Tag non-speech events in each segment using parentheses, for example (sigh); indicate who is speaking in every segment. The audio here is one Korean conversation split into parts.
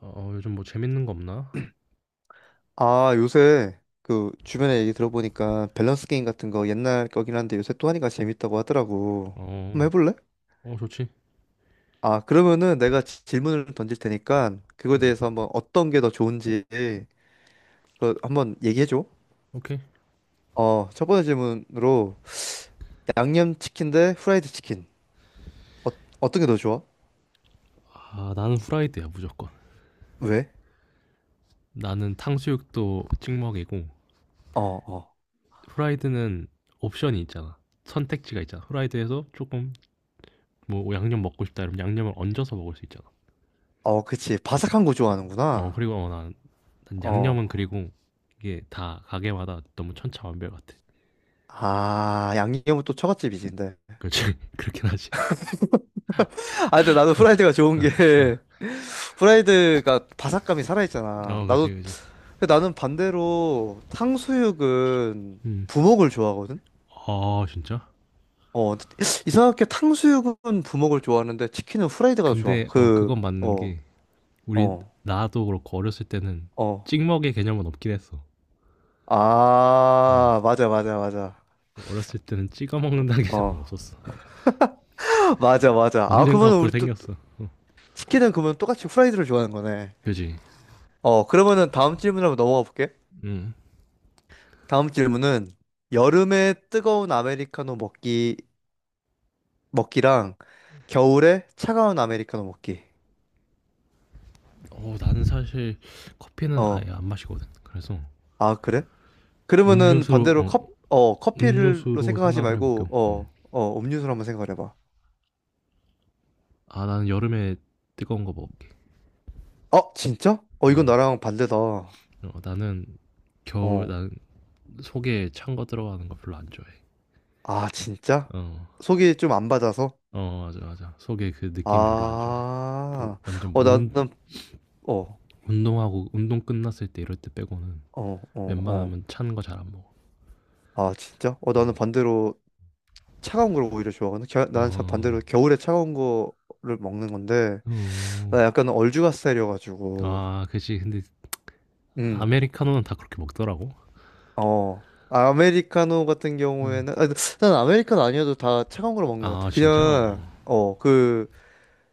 Speaker 1: 요즘 뭐 재밌는 거 없나?
Speaker 2: 아, 요새 그 주변에 얘기 들어보니까 밸런스 게임 같은 거 옛날 거긴 한데 요새 또 하니까 재밌다고 하더라고. 한번
Speaker 1: 어,
Speaker 2: 해볼래?
Speaker 1: 어, 좋지.
Speaker 2: 아, 그러면은 내가 질문을 던질 테니까 그거에
Speaker 1: 응,
Speaker 2: 대해서 한번 어떤 게 더 좋은지 그거 한번 얘기해줘.
Speaker 1: 오케이.
Speaker 2: 어, 첫 번째 질문으로 양념치킨 대 후라이드 치킨. 어, 어떤 게 더 좋아?
Speaker 1: 아, 나는 후라이드야, 무조건.
Speaker 2: 왜?
Speaker 1: 나는 탕수육도 찍먹이고,
Speaker 2: 어, 어.
Speaker 1: 후라이드는 옵션이 있잖아. 선택지가 있잖아. 후라이드에서 조금, 뭐, 양념 먹고 싶다 이러면 양념을 얹어서 먹을 수 있잖아.
Speaker 2: 어, 그치. 바삭한 거 좋아하는구나.
Speaker 1: 그리고 난
Speaker 2: 어.
Speaker 1: 양념은 그리고 이게 다 가게마다 너무 천차만별 같아.
Speaker 2: 아, 양념은 또 처갓집이지, 근데.
Speaker 1: 그렇지. (laughs) 그렇긴 하지.
Speaker 2: (laughs) 아, 근데 나도 후라이드가 좋은
Speaker 1: 어,
Speaker 2: 게 프라이드가 바삭함이 살아있잖아.
Speaker 1: 어 그렇지,
Speaker 2: 나도
Speaker 1: 그렇지.
Speaker 2: 근데 나는 반대로 탕수육은
Speaker 1: 음.
Speaker 2: 부먹을 좋아하거든.
Speaker 1: 아, 진짜?
Speaker 2: 어, 이상하게 탕수육은 부먹을 좋아하는데 치킨은 후라이드가 더 좋아.
Speaker 1: 근데,
Speaker 2: 그
Speaker 1: 그건 맞는
Speaker 2: 어
Speaker 1: 게, 우리
Speaker 2: 어
Speaker 1: 나도 그렇고 어렸을 때는
Speaker 2: 어.
Speaker 1: 찍먹의 개념은 없긴 했어. 응.
Speaker 2: 아, 맞아 맞아 맞아.
Speaker 1: 어렸을 때는 찍어 먹는다는 (laughs)
Speaker 2: 어
Speaker 1: 개념은 없었어.
Speaker 2: (laughs) 맞아 맞아. 아, 그러면
Speaker 1: 언젠가부터
Speaker 2: 우리 또
Speaker 1: 생겼어. 어.
Speaker 2: 치킨은 그러면 똑같이 후라이드를 좋아하는 거네.
Speaker 1: 그지.
Speaker 2: 어, 그러면은 다음 질문 한번 넘어가 볼게.
Speaker 1: 응.
Speaker 2: 다음 질문은 여름에 뜨거운 아메리카노 먹기 먹기랑 겨울에 차가운 아메리카노 먹기.
Speaker 1: 나는 사실 커피는 아예
Speaker 2: 어,
Speaker 1: 안 마시거든. 그래서
Speaker 2: 아, 그래? 그러면은
Speaker 1: 음료수로
Speaker 2: 반대로
Speaker 1: 어,
Speaker 2: 컵, 어, 커피로
Speaker 1: 음료수로
Speaker 2: 생각하지
Speaker 1: 생각을
Speaker 2: 말고,
Speaker 1: 해볼게요. 음.
Speaker 2: 어, 어, 음료수로 한번 생각을 해봐.
Speaker 1: 아, 나는 여름에 뜨거운 거 먹을게.
Speaker 2: 어, 진짜? 어,
Speaker 1: 어.
Speaker 2: 이건 나랑 반대다.
Speaker 1: 나는 겨울
Speaker 2: 어,
Speaker 1: 난 속에 찬 거 들어가는 거 별로 안 좋아해.
Speaker 2: 아, 진짜?
Speaker 1: 어.
Speaker 2: 속이 좀 안 받아서?
Speaker 1: 어 맞아 맞아 속에 그 느낌 별로 안 좋아해 뭐
Speaker 2: 아,
Speaker 1: 완전
Speaker 2: 어,
Speaker 1: 뭐
Speaker 2: 나는,
Speaker 1: 운,
Speaker 2: 어, 어,
Speaker 1: 운동하고 운동 끝났을 때 이럴 때 빼고는
Speaker 2: 어, 어.
Speaker 1: 웬만하면 찬 거 잘 안 먹어.
Speaker 2: 아, 진짜? 어, 나는
Speaker 1: 응.
Speaker 2: 반대로 차가운 걸 오히려 좋아하거든. 겨, 나는 참 반대로
Speaker 1: 어.
Speaker 2: 겨울에 차가운 거를 먹는 건데,
Speaker 1: 어.
Speaker 2: 나
Speaker 1: 어.
Speaker 2: 약간 얼죽가 스타일이어가지고,
Speaker 1: 아, 그치. 근데
Speaker 2: 음.
Speaker 1: 아메리카노는 다 그렇게 먹더라고.
Speaker 2: 어, 아, 아메리카노 같은
Speaker 1: 응.
Speaker 2: 경우에는, 아, 난 아메리카노 아니어도 다 차가운 걸 먹는 것
Speaker 1: 아,
Speaker 2: 같아.
Speaker 1: 진짜?
Speaker 2: 그냥,
Speaker 1: 어.
Speaker 2: 어, 그,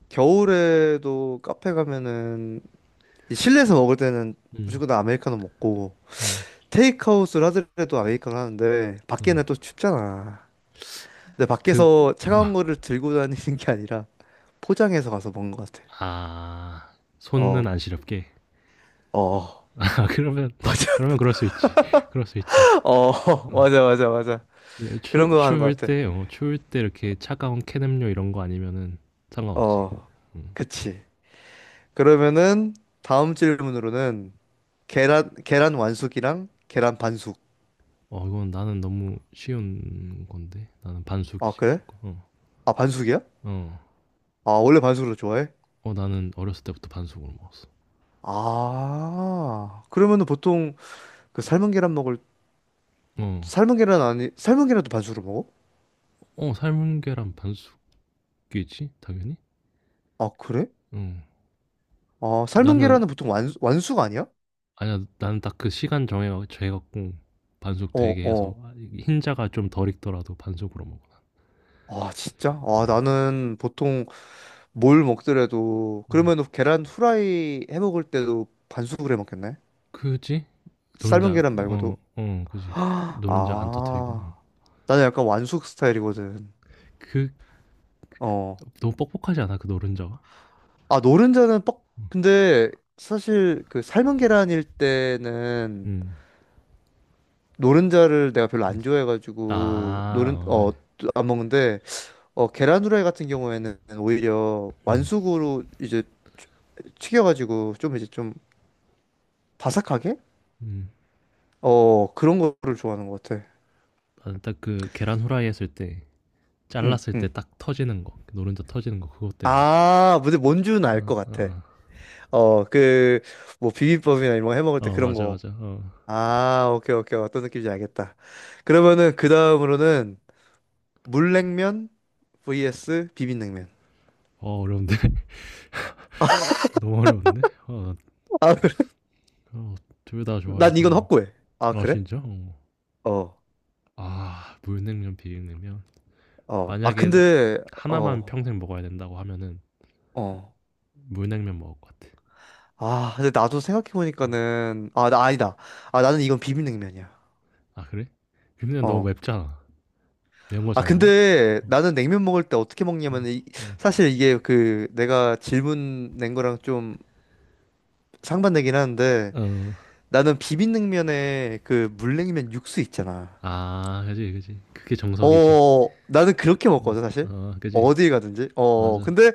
Speaker 2: 겨울에도 카페 가면은, 이 실내에서 먹을 때는
Speaker 1: 응.
Speaker 2: 무조건 다 아메리카노 먹고,
Speaker 1: 응.
Speaker 2: 테이크아웃을 하더라도 아메리카노 하는데,
Speaker 1: 어.
Speaker 2: 밖에는 또 춥잖아. 근데
Speaker 1: 그
Speaker 2: 밖에서 차가운
Speaker 1: 어.
Speaker 2: 거를 들고 다니는 게 아니라, 포장해서 가서 먹는 것 같아.
Speaker 1: 아. 손은
Speaker 2: 어,
Speaker 1: 안 시렵게.
Speaker 2: 어,
Speaker 1: (laughs) 아, 그러면
Speaker 2: (laughs)
Speaker 1: (laughs)
Speaker 2: 맞아.
Speaker 1: 그러면 그럴 수 있지. (laughs) 그럴 수 있지.
Speaker 2: 어, (laughs)
Speaker 1: 어.
Speaker 2: 맞아, 맞아, 맞아.
Speaker 1: 예,
Speaker 2: 그런 거 하는 것 같아.
Speaker 1: 추울 때 이렇게 차가운 캔 음료 이런 거 아니면은 상관없지.
Speaker 2: 어,
Speaker 1: 응.
Speaker 2: 그치. 그러면은 다음 질문으로는 계란 완숙이랑 계란 반숙.
Speaker 1: 어 이건 나는 너무 쉬운 건데. 나는
Speaker 2: 아,
Speaker 1: 반숙이지
Speaker 2: 그래?
Speaker 1: 무조건. 어.
Speaker 2: 아, 반숙이야?
Speaker 1: 어.
Speaker 2: 아, 원래 반숙을 좋아해?
Speaker 1: 어 나는 어렸을 때부터 반숙으로 먹었어.
Speaker 2: 아. 그러면은 보통 그 삶은 계란 먹을
Speaker 1: 어.
Speaker 2: 삶은 계란 아니 삶은 계란도 반숙으로 먹어?
Speaker 1: 어 삶은 계란 반숙이지 당연히.
Speaker 2: 아, 그래?
Speaker 1: 어.
Speaker 2: 아, 삶은
Speaker 1: 나는
Speaker 2: 계란은 보통 완 완숙 아니야?
Speaker 1: 아니야. 나는 딱 그 시간 정해 갖고 반숙
Speaker 2: 어,
Speaker 1: 되게 해서
Speaker 2: 어.
Speaker 1: 아 이 흰자가 좀 덜 익더라도 반숙으로 먹어.
Speaker 2: 아, 진짜? 아,
Speaker 1: 어.
Speaker 2: 나는 보통 뭘 먹더라도
Speaker 1: 어.
Speaker 2: 그러면은 계란 후라이 해 먹을 때도 반숙을 해 먹겠네.
Speaker 1: 그지?
Speaker 2: 삶은
Speaker 1: 노른자
Speaker 2: 계란
Speaker 1: 어
Speaker 2: 말고도.
Speaker 1: 어
Speaker 2: (gasps)
Speaker 1: 그지. 노른자 안 터뜨리고.
Speaker 2: 아.
Speaker 1: 어.
Speaker 2: 나는 약간 완숙 스타일이거든.
Speaker 1: 그
Speaker 2: 어.
Speaker 1: 너무 뻑뻑하지 않아? 그 노른자가?
Speaker 2: 아, 노른자는 뻑. 근데 사실 그 삶은 계란일 때는
Speaker 1: 음.
Speaker 2: 노른자를 내가 별로 안 좋아해가지고
Speaker 1: 아.
Speaker 2: 노른
Speaker 1: 어
Speaker 2: 어
Speaker 1: 그지.
Speaker 2: 안 먹는데 어 계란 후라이 같은 경우에는 오히려
Speaker 1: 음.
Speaker 2: 완숙으로 이제 튀- 튀겨가지고 좀 이제 좀 바삭하게
Speaker 1: 음.
Speaker 2: 어 그런 거를 좋아하는 것 같아.
Speaker 1: 나는 딱 그 계란 후라이 했을 때
Speaker 2: 응,
Speaker 1: 잘랐을 때
Speaker 2: 응.
Speaker 1: 딱 터지는 거 그 노른자 터지는 거 그것 때문에 먹어
Speaker 2: 아, 근데 뭔 줄은
Speaker 1: 어,
Speaker 2: 알 것 같아.
Speaker 1: 어,
Speaker 2: 어, 그, 뭐, 비빔밥이나 이런 거 해 먹을 때
Speaker 1: 어
Speaker 2: 그런
Speaker 1: 맞아
Speaker 2: 거.
Speaker 1: 맞아 어,
Speaker 2: 아, 오케이, 오케이. 어떤 느낌인지 알겠다. 그러면은 그 다음으로는 물냉면 vs 비빔냉면.
Speaker 1: 어 어려운데 (laughs) 너무 어려운데 어,
Speaker 2: 아, 그래.
Speaker 1: 어, 둘 다
Speaker 2: 난 이건
Speaker 1: 좋아해서
Speaker 2: 확고해. 아,
Speaker 1: 아
Speaker 2: 그래?
Speaker 1: 진짜 어.
Speaker 2: 어,
Speaker 1: 아 물냉면 비빔냉면
Speaker 2: 어. 아,
Speaker 1: 만약에
Speaker 2: 근데,
Speaker 1: 하나만
Speaker 2: 어,
Speaker 1: 평생 먹어야 된다고 하면은
Speaker 2: 어.
Speaker 1: 물냉면 먹을 것 같아
Speaker 2: 아, 근데 나도
Speaker 1: 음.
Speaker 2: 생각해보니까는, 아, 나 아니다. 아, 나는 이건 비빔냉면이야.
Speaker 1: 아 그래 비빔냉면 너무
Speaker 2: 어.
Speaker 1: 맵잖아 매운 거
Speaker 2: 아,
Speaker 1: 잘 먹어
Speaker 2: 근데
Speaker 1: 어,
Speaker 2: 나는 냉면 먹을 때 어떻게
Speaker 1: 어,
Speaker 2: 먹냐면, 이,
Speaker 1: 어.
Speaker 2: 사실 이게 그 내가 질문 낸 거랑 좀 상반되긴 하는데,
Speaker 1: 어.
Speaker 2: 나는 비빔냉면에 그 물냉면 육수 있잖아.
Speaker 1: 아, 그지, 그지. 그게 정석이지.
Speaker 2: 어, 나는 그렇게
Speaker 1: 어,
Speaker 2: 먹거든, 사실.
Speaker 1: 어, 그지.
Speaker 2: 어디 가든지. 어,
Speaker 1: 맞아.
Speaker 2: 근데,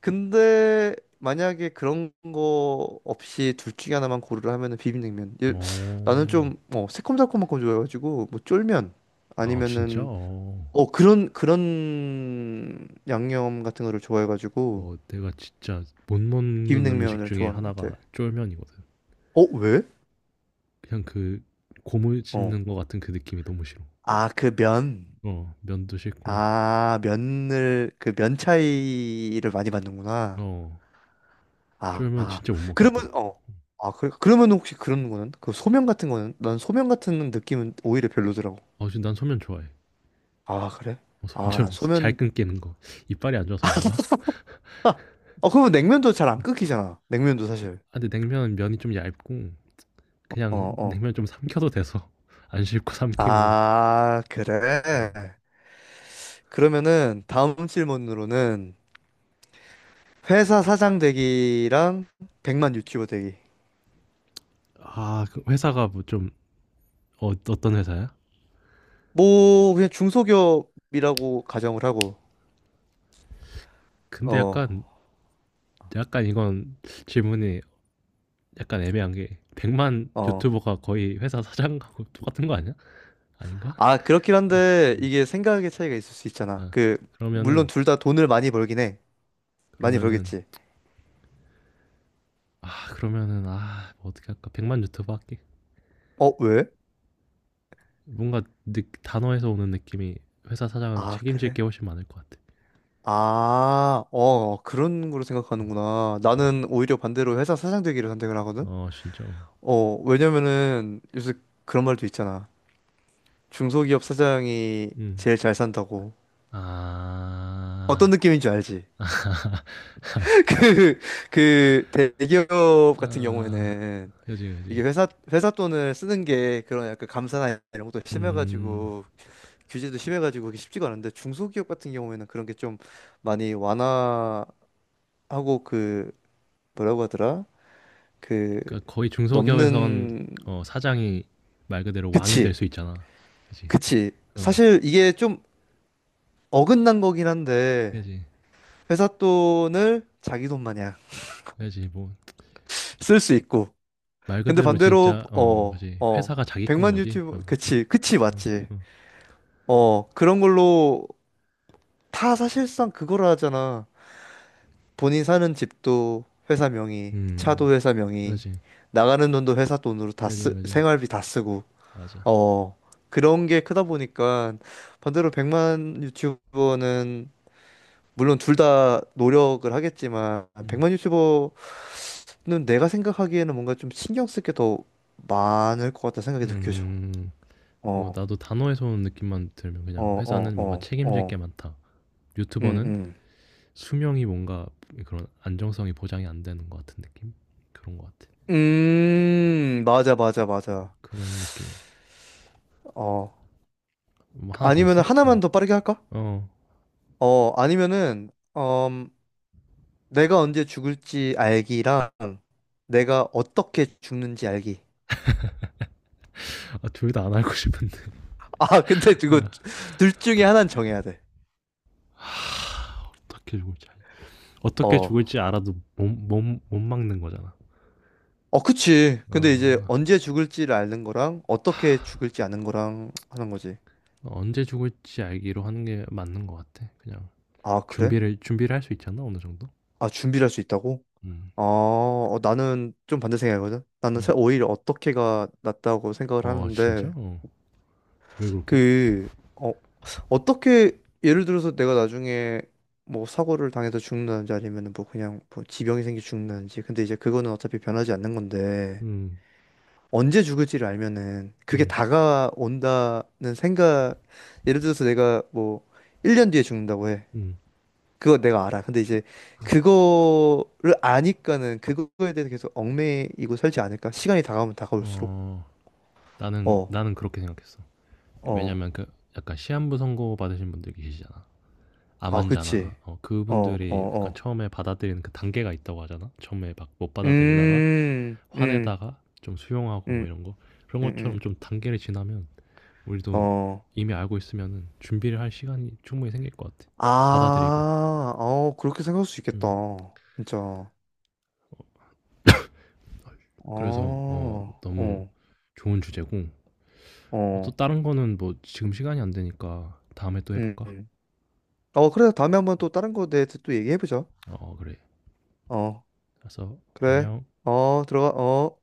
Speaker 2: 근데, 만약에 그런 거 없이 둘 중에 하나만 고르라 하면은 비빔냉면. 예, 나는
Speaker 1: 어.
Speaker 2: 좀, 어, 새콤달콤한 거 좋아해가지고, 뭐, 쫄면,
Speaker 1: 아 진짜?
Speaker 2: 아니면은,
Speaker 1: 어.
Speaker 2: 어, 그런, 그런 양념 같은 거를 좋아해가지고,
Speaker 1: 어 내가 진짜 못 먹는 음식
Speaker 2: 비빔냉면을
Speaker 1: 중에
Speaker 2: 좋아하는 것
Speaker 1: 하나가
Speaker 2: 같아.
Speaker 1: 쫄면이거든.
Speaker 2: 어, 왜?
Speaker 1: 그냥 그 고물
Speaker 2: 어.
Speaker 1: 씹는 것 같은 그 느낌이 너무 싫어.
Speaker 2: 아, 그 면.
Speaker 1: 어. 면도 싫고.
Speaker 2: 아, 면을, 그 면 차이를 많이 받는구나.
Speaker 1: 어.
Speaker 2: 아,
Speaker 1: 쫄면
Speaker 2: 아.
Speaker 1: 진짜 못
Speaker 2: 그러면
Speaker 1: 먹겠더라고.
Speaker 2: 어. 아, 그, 그러면 혹시 그런 거는? 그 소면 같은 거는? 난 소면 같은 느낌은 오히려 별로더라고.
Speaker 1: 아 진짜 난 소면 좋아해.
Speaker 2: 아, 그래?
Speaker 1: 어
Speaker 2: 아, 난
Speaker 1: 소면처럼 (laughs) 잘
Speaker 2: 소면
Speaker 1: 끊기는 거. 이빨이 안 좋아서 그런가?
Speaker 2: 아, 어, 그러면 냉면도 잘 안 끓기잖아. 냉면도 사실.
Speaker 1: 아 근데 냉면은 면이 좀 얇고
Speaker 2: 어,
Speaker 1: 그냥
Speaker 2: 어.
Speaker 1: 냉면 좀 삼켜도 돼서 (laughs) 안 씹고 삼키고.
Speaker 2: 아,
Speaker 1: 음.
Speaker 2: 그래. 그러면은 다음 질문으로는 회사 사장 되기랑 100만 유튜버 되기.
Speaker 1: 아 그 회사가 뭐 좀 어떤 회사야?
Speaker 2: 뭐 그냥 중소기업이라고 가정을 하고.
Speaker 1: 근데
Speaker 2: 어,
Speaker 1: 약간 이건 질문이 약간 애매한 게 100만
Speaker 2: 어.
Speaker 1: 유튜버가 거의 회사 사장하고 똑같은 거 아니야? 아닌가?
Speaker 2: 아, 그렇긴 한데 이게 생각의 차이가 있을 수 있잖아.
Speaker 1: 아
Speaker 2: 그 물론
Speaker 1: 그러면은
Speaker 2: 둘 다 돈을 많이 벌긴 해. 많이
Speaker 1: 그러면은
Speaker 2: 벌겠지.
Speaker 1: 아 그러면은 아뭐 어떻게 할까? 100만 유튜버 할게.
Speaker 2: 어, 왜?
Speaker 1: 뭔가 단어에서 오는 느낌이 회사 사장은
Speaker 2: 아,
Speaker 1: 책임질 게
Speaker 2: 그래?
Speaker 1: 훨씬 많을 것 같아.
Speaker 2: 아, 어, 그런 거로 생각하는구나. 나는 오히려 반대로 회사 사장 되기를 선택을 하거든.
Speaker 1: 어 진짜.
Speaker 2: 어, 왜냐면은 요새 그런 말도 있잖아. 중소기업 사장이
Speaker 1: 음.
Speaker 2: 제일 잘 산다고. 어떤
Speaker 1: 아.
Speaker 2: 느낌인 줄 알지? (laughs) 그, 그 대기업 같은
Speaker 1: 아.
Speaker 2: 경우에는
Speaker 1: 그지
Speaker 2: 이게
Speaker 1: 그지.
Speaker 2: 회사 돈을 쓰는 게 그런 약간 감사나 이런 것도
Speaker 1: 음.
Speaker 2: 심해가지고 규제도 심해가지고 그게 쉽지가 않은데 중소기업 같은 경우에는 그런 게 좀 많이 완화하고 그 뭐라고 하더라? 그
Speaker 1: 그러니까 거의 중소기업에선
Speaker 2: 넘는
Speaker 1: 사장이 말 그대로 왕이 될
Speaker 2: 그치
Speaker 1: 수 있잖아. 그지?
Speaker 2: 그치
Speaker 1: 어.
Speaker 2: 사실 이게 좀 어긋난 거긴 한데
Speaker 1: 그지.
Speaker 2: 회사 돈을 자기 돈 마냥
Speaker 1: 그지. 뭐
Speaker 2: 쓸 수 있고
Speaker 1: 말
Speaker 2: 근데
Speaker 1: 그대로
Speaker 2: 반대로
Speaker 1: 진짜
Speaker 2: 어
Speaker 1: 그지.
Speaker 2: 어
Speaker 1: 회사가 자기
Speaker 2: 백
Speaker 1: 건
Speaker 2: 만
Speaker 1: 거지.
Speaker 2: 유튜브
Speaker 1: 어.
Speaker 2: 그치 그치
Speaker 1: 어.
Speaker 2: 맞지
Speaker 1: 어.
Speaker 2: 어 그런 걸로 다 사실상 그거라 하잖아 본인 사는 집도 회사 명의,
Speaker 1: 음.
Speaker 2: 차도 회사 명의,
Speaker 1: 그지.
Speaker 2: 나가는 돈도 회사 돈으로 다
Speaker 1: 그지,
Speaker 2: 쓰,
Speaker 1: 그지.
Speaker 2: 생활비 다 쓰고,
Speaker 1: 맞아.
Speaker 2: 어, 그런 게 크다 보니까 반대로 100만 유튜버는 물론 둘 다 노력을 하겠지만
Speaker 1: 음.
Speaker 2: 100만 유튜버는 내가 생각하기에는 뭔가 좀 신경 쓸 게 더 많을 것 같다는 생각이 느껴져.
Speaker 1: 음.
Speaker 2: 어,
Speaker 1: 뭐 나도 단어에서 오는 느낌만 들면
Speaker 2: 어,
Speaker 1: 그냥
Speaker 2: 어,
Speaker 1: '회사는 뭔가
Speaker 2: 어,
Speaker 1: 책임질 게
Speaker 2: 어.
Speaker 1: 많다.'
Speaker 2: 음,
Speaker 1: 유튜버는
Speaker 2: 음.
Speaker 1: 수명이 뭔가 그런 안정성이 보장이 안 되는 것 같은 느낌? 그런 것 같아.
Speaker 2: 맞아, 맞아, 맞아.
Speaker 1: 그런 느낌이야.
Speaker 2: 어.
Speaker 1: 뭐나더
Speaker 2: 아니면
Speaker 1: 있어? 어.
Speaker 2: 하나만 더 빠르게 할까?
Speaker 1: 어.
Speaker 2: 어, 아니면은, 음, 내가 언제 죽을지 알기랑 내가 어떻게 죽는지 알기.
Speaker 1: 아 둘 다 안 알고 싶은데 (laughs)
Speaker 2: (laughs) 아, 근데 이거 둘 중에 하나는 정해야 돼.
Speaker 1: 어떻게 죽을지 알 어떻게
Speaker 2: 어.
Speaker 1: 죽을지 알아도 못 막는 거잖아.
Speaker 2: 어, 그치. 근데 이제
Speaker 1: 어.
Speaker 2: 언제 죽을지를 아는 거랑 어떻게 죽을지 아는 거랑 하는 거지.
Speaker 1: 언제 죽을지 알기로 하는 게 맞는 것 같아. 그냥
Speaker 2: 아, 그래?
Speaker 1: 준비를 할 수 있잖아 어느 정도.
Speaker 2: 아, 준비를 할 수 있다고?
Speaker 1: 음.
Speaker 2: 아, 어, 나는 좀 반대 생각이거든. 나는
Speaker 1: 음.
Speaker 2: 오히려 어떻게가 낫다고 생각을
Speaker 1: 어 진짜?
Speaker 2: 하는데,
Speaker 1: 어. 왜 그렇게?
Speaker 2: 그, 어, 어떻게, 예를 들어서 내가 나중에 뭐 사고를 당해서 죽는다든지 아니면 뭐 그냥 뭐 지병이 생겨 죽는다든지. 근데 이제 그거는 어차피 변하지 않는 건데,
Speaker 1: 음.
Speaker 2: 언제 죽을지를 알면은 그게
Speaker 1: 음.
Speaker 2: 다가온다는 생각, 예를 들어서 내가 뭐 1년 뒤에 죽는다고 해.
Speaker 1: 음.
Speaker 2: 그거 내가 알아. 근데 이제 그거를 아니까는 그거에 대해서 계속 얽매이고 살지 않을까? 시간이 다가오면 다가올수록.
Speaker 1: 어 나는
Speaker 2: 어,
Speaker 1: 나는 그렇게 생각했어.
Speaker 2: 어.
Speaker 1: 왜냐면 그 약간 시한부 선고 받으신 분들 계시잖아.
Speaker 2: 아, 그치.
Speaker 1: 암환자나
Speaker 2: 어, 어,
Speaker 1: 그분들이 약간
Speaker 2: 어.
Speaker 1: 처음에 받아들이는 그 단계가 있다고 하잖아. 처음에 막 못 받아들이다가
Speaker 2: 음, 음,
Speaker 1: 화내다가 좀 수용하고
Speaker 2: 음,
Speaker 1: 뭐 이런 거 그런
Speaker 2: 음,
Speaker 1: 것처럼
Speaker 2: 음.
Speaker 1: 좀 단계를 지나면 우리도
Speaker 2: 어,
Speaker 1: 이미 알고 있으면 준비를 할 시간이 충분히 생길 것 같아. 그래서
Speaker 2: 아,
Speaker 1: 받아들이고.
Speaker 2: 어, 그렇게 생각할 수 있겠다.
Speaker 1: 음.
Speaker 2: 진짜. 어,
Speaker 1: 그래서
Speaker 2: 어,
Speaker 1: 너무 좋은 주제고 또
Speaker 2: 어,
Speaker 1: 다른 거는 뭐 지금 시간이 안 되니까 다음에 또
Speaker 2: 음,
Speaker 1: 해볼까?
Speaker 2: 음. 어, 그래. 다음에 한번 또 다른 거에 대해서 또 얘기해보자.
Speaker 1: 어 그래.
Speaker 2: 어,
Speaker 1: 알았어.
Speaker 2: 그래.
Speaker 1: 안녕.
Speaker 2: 어, 들어가, 어.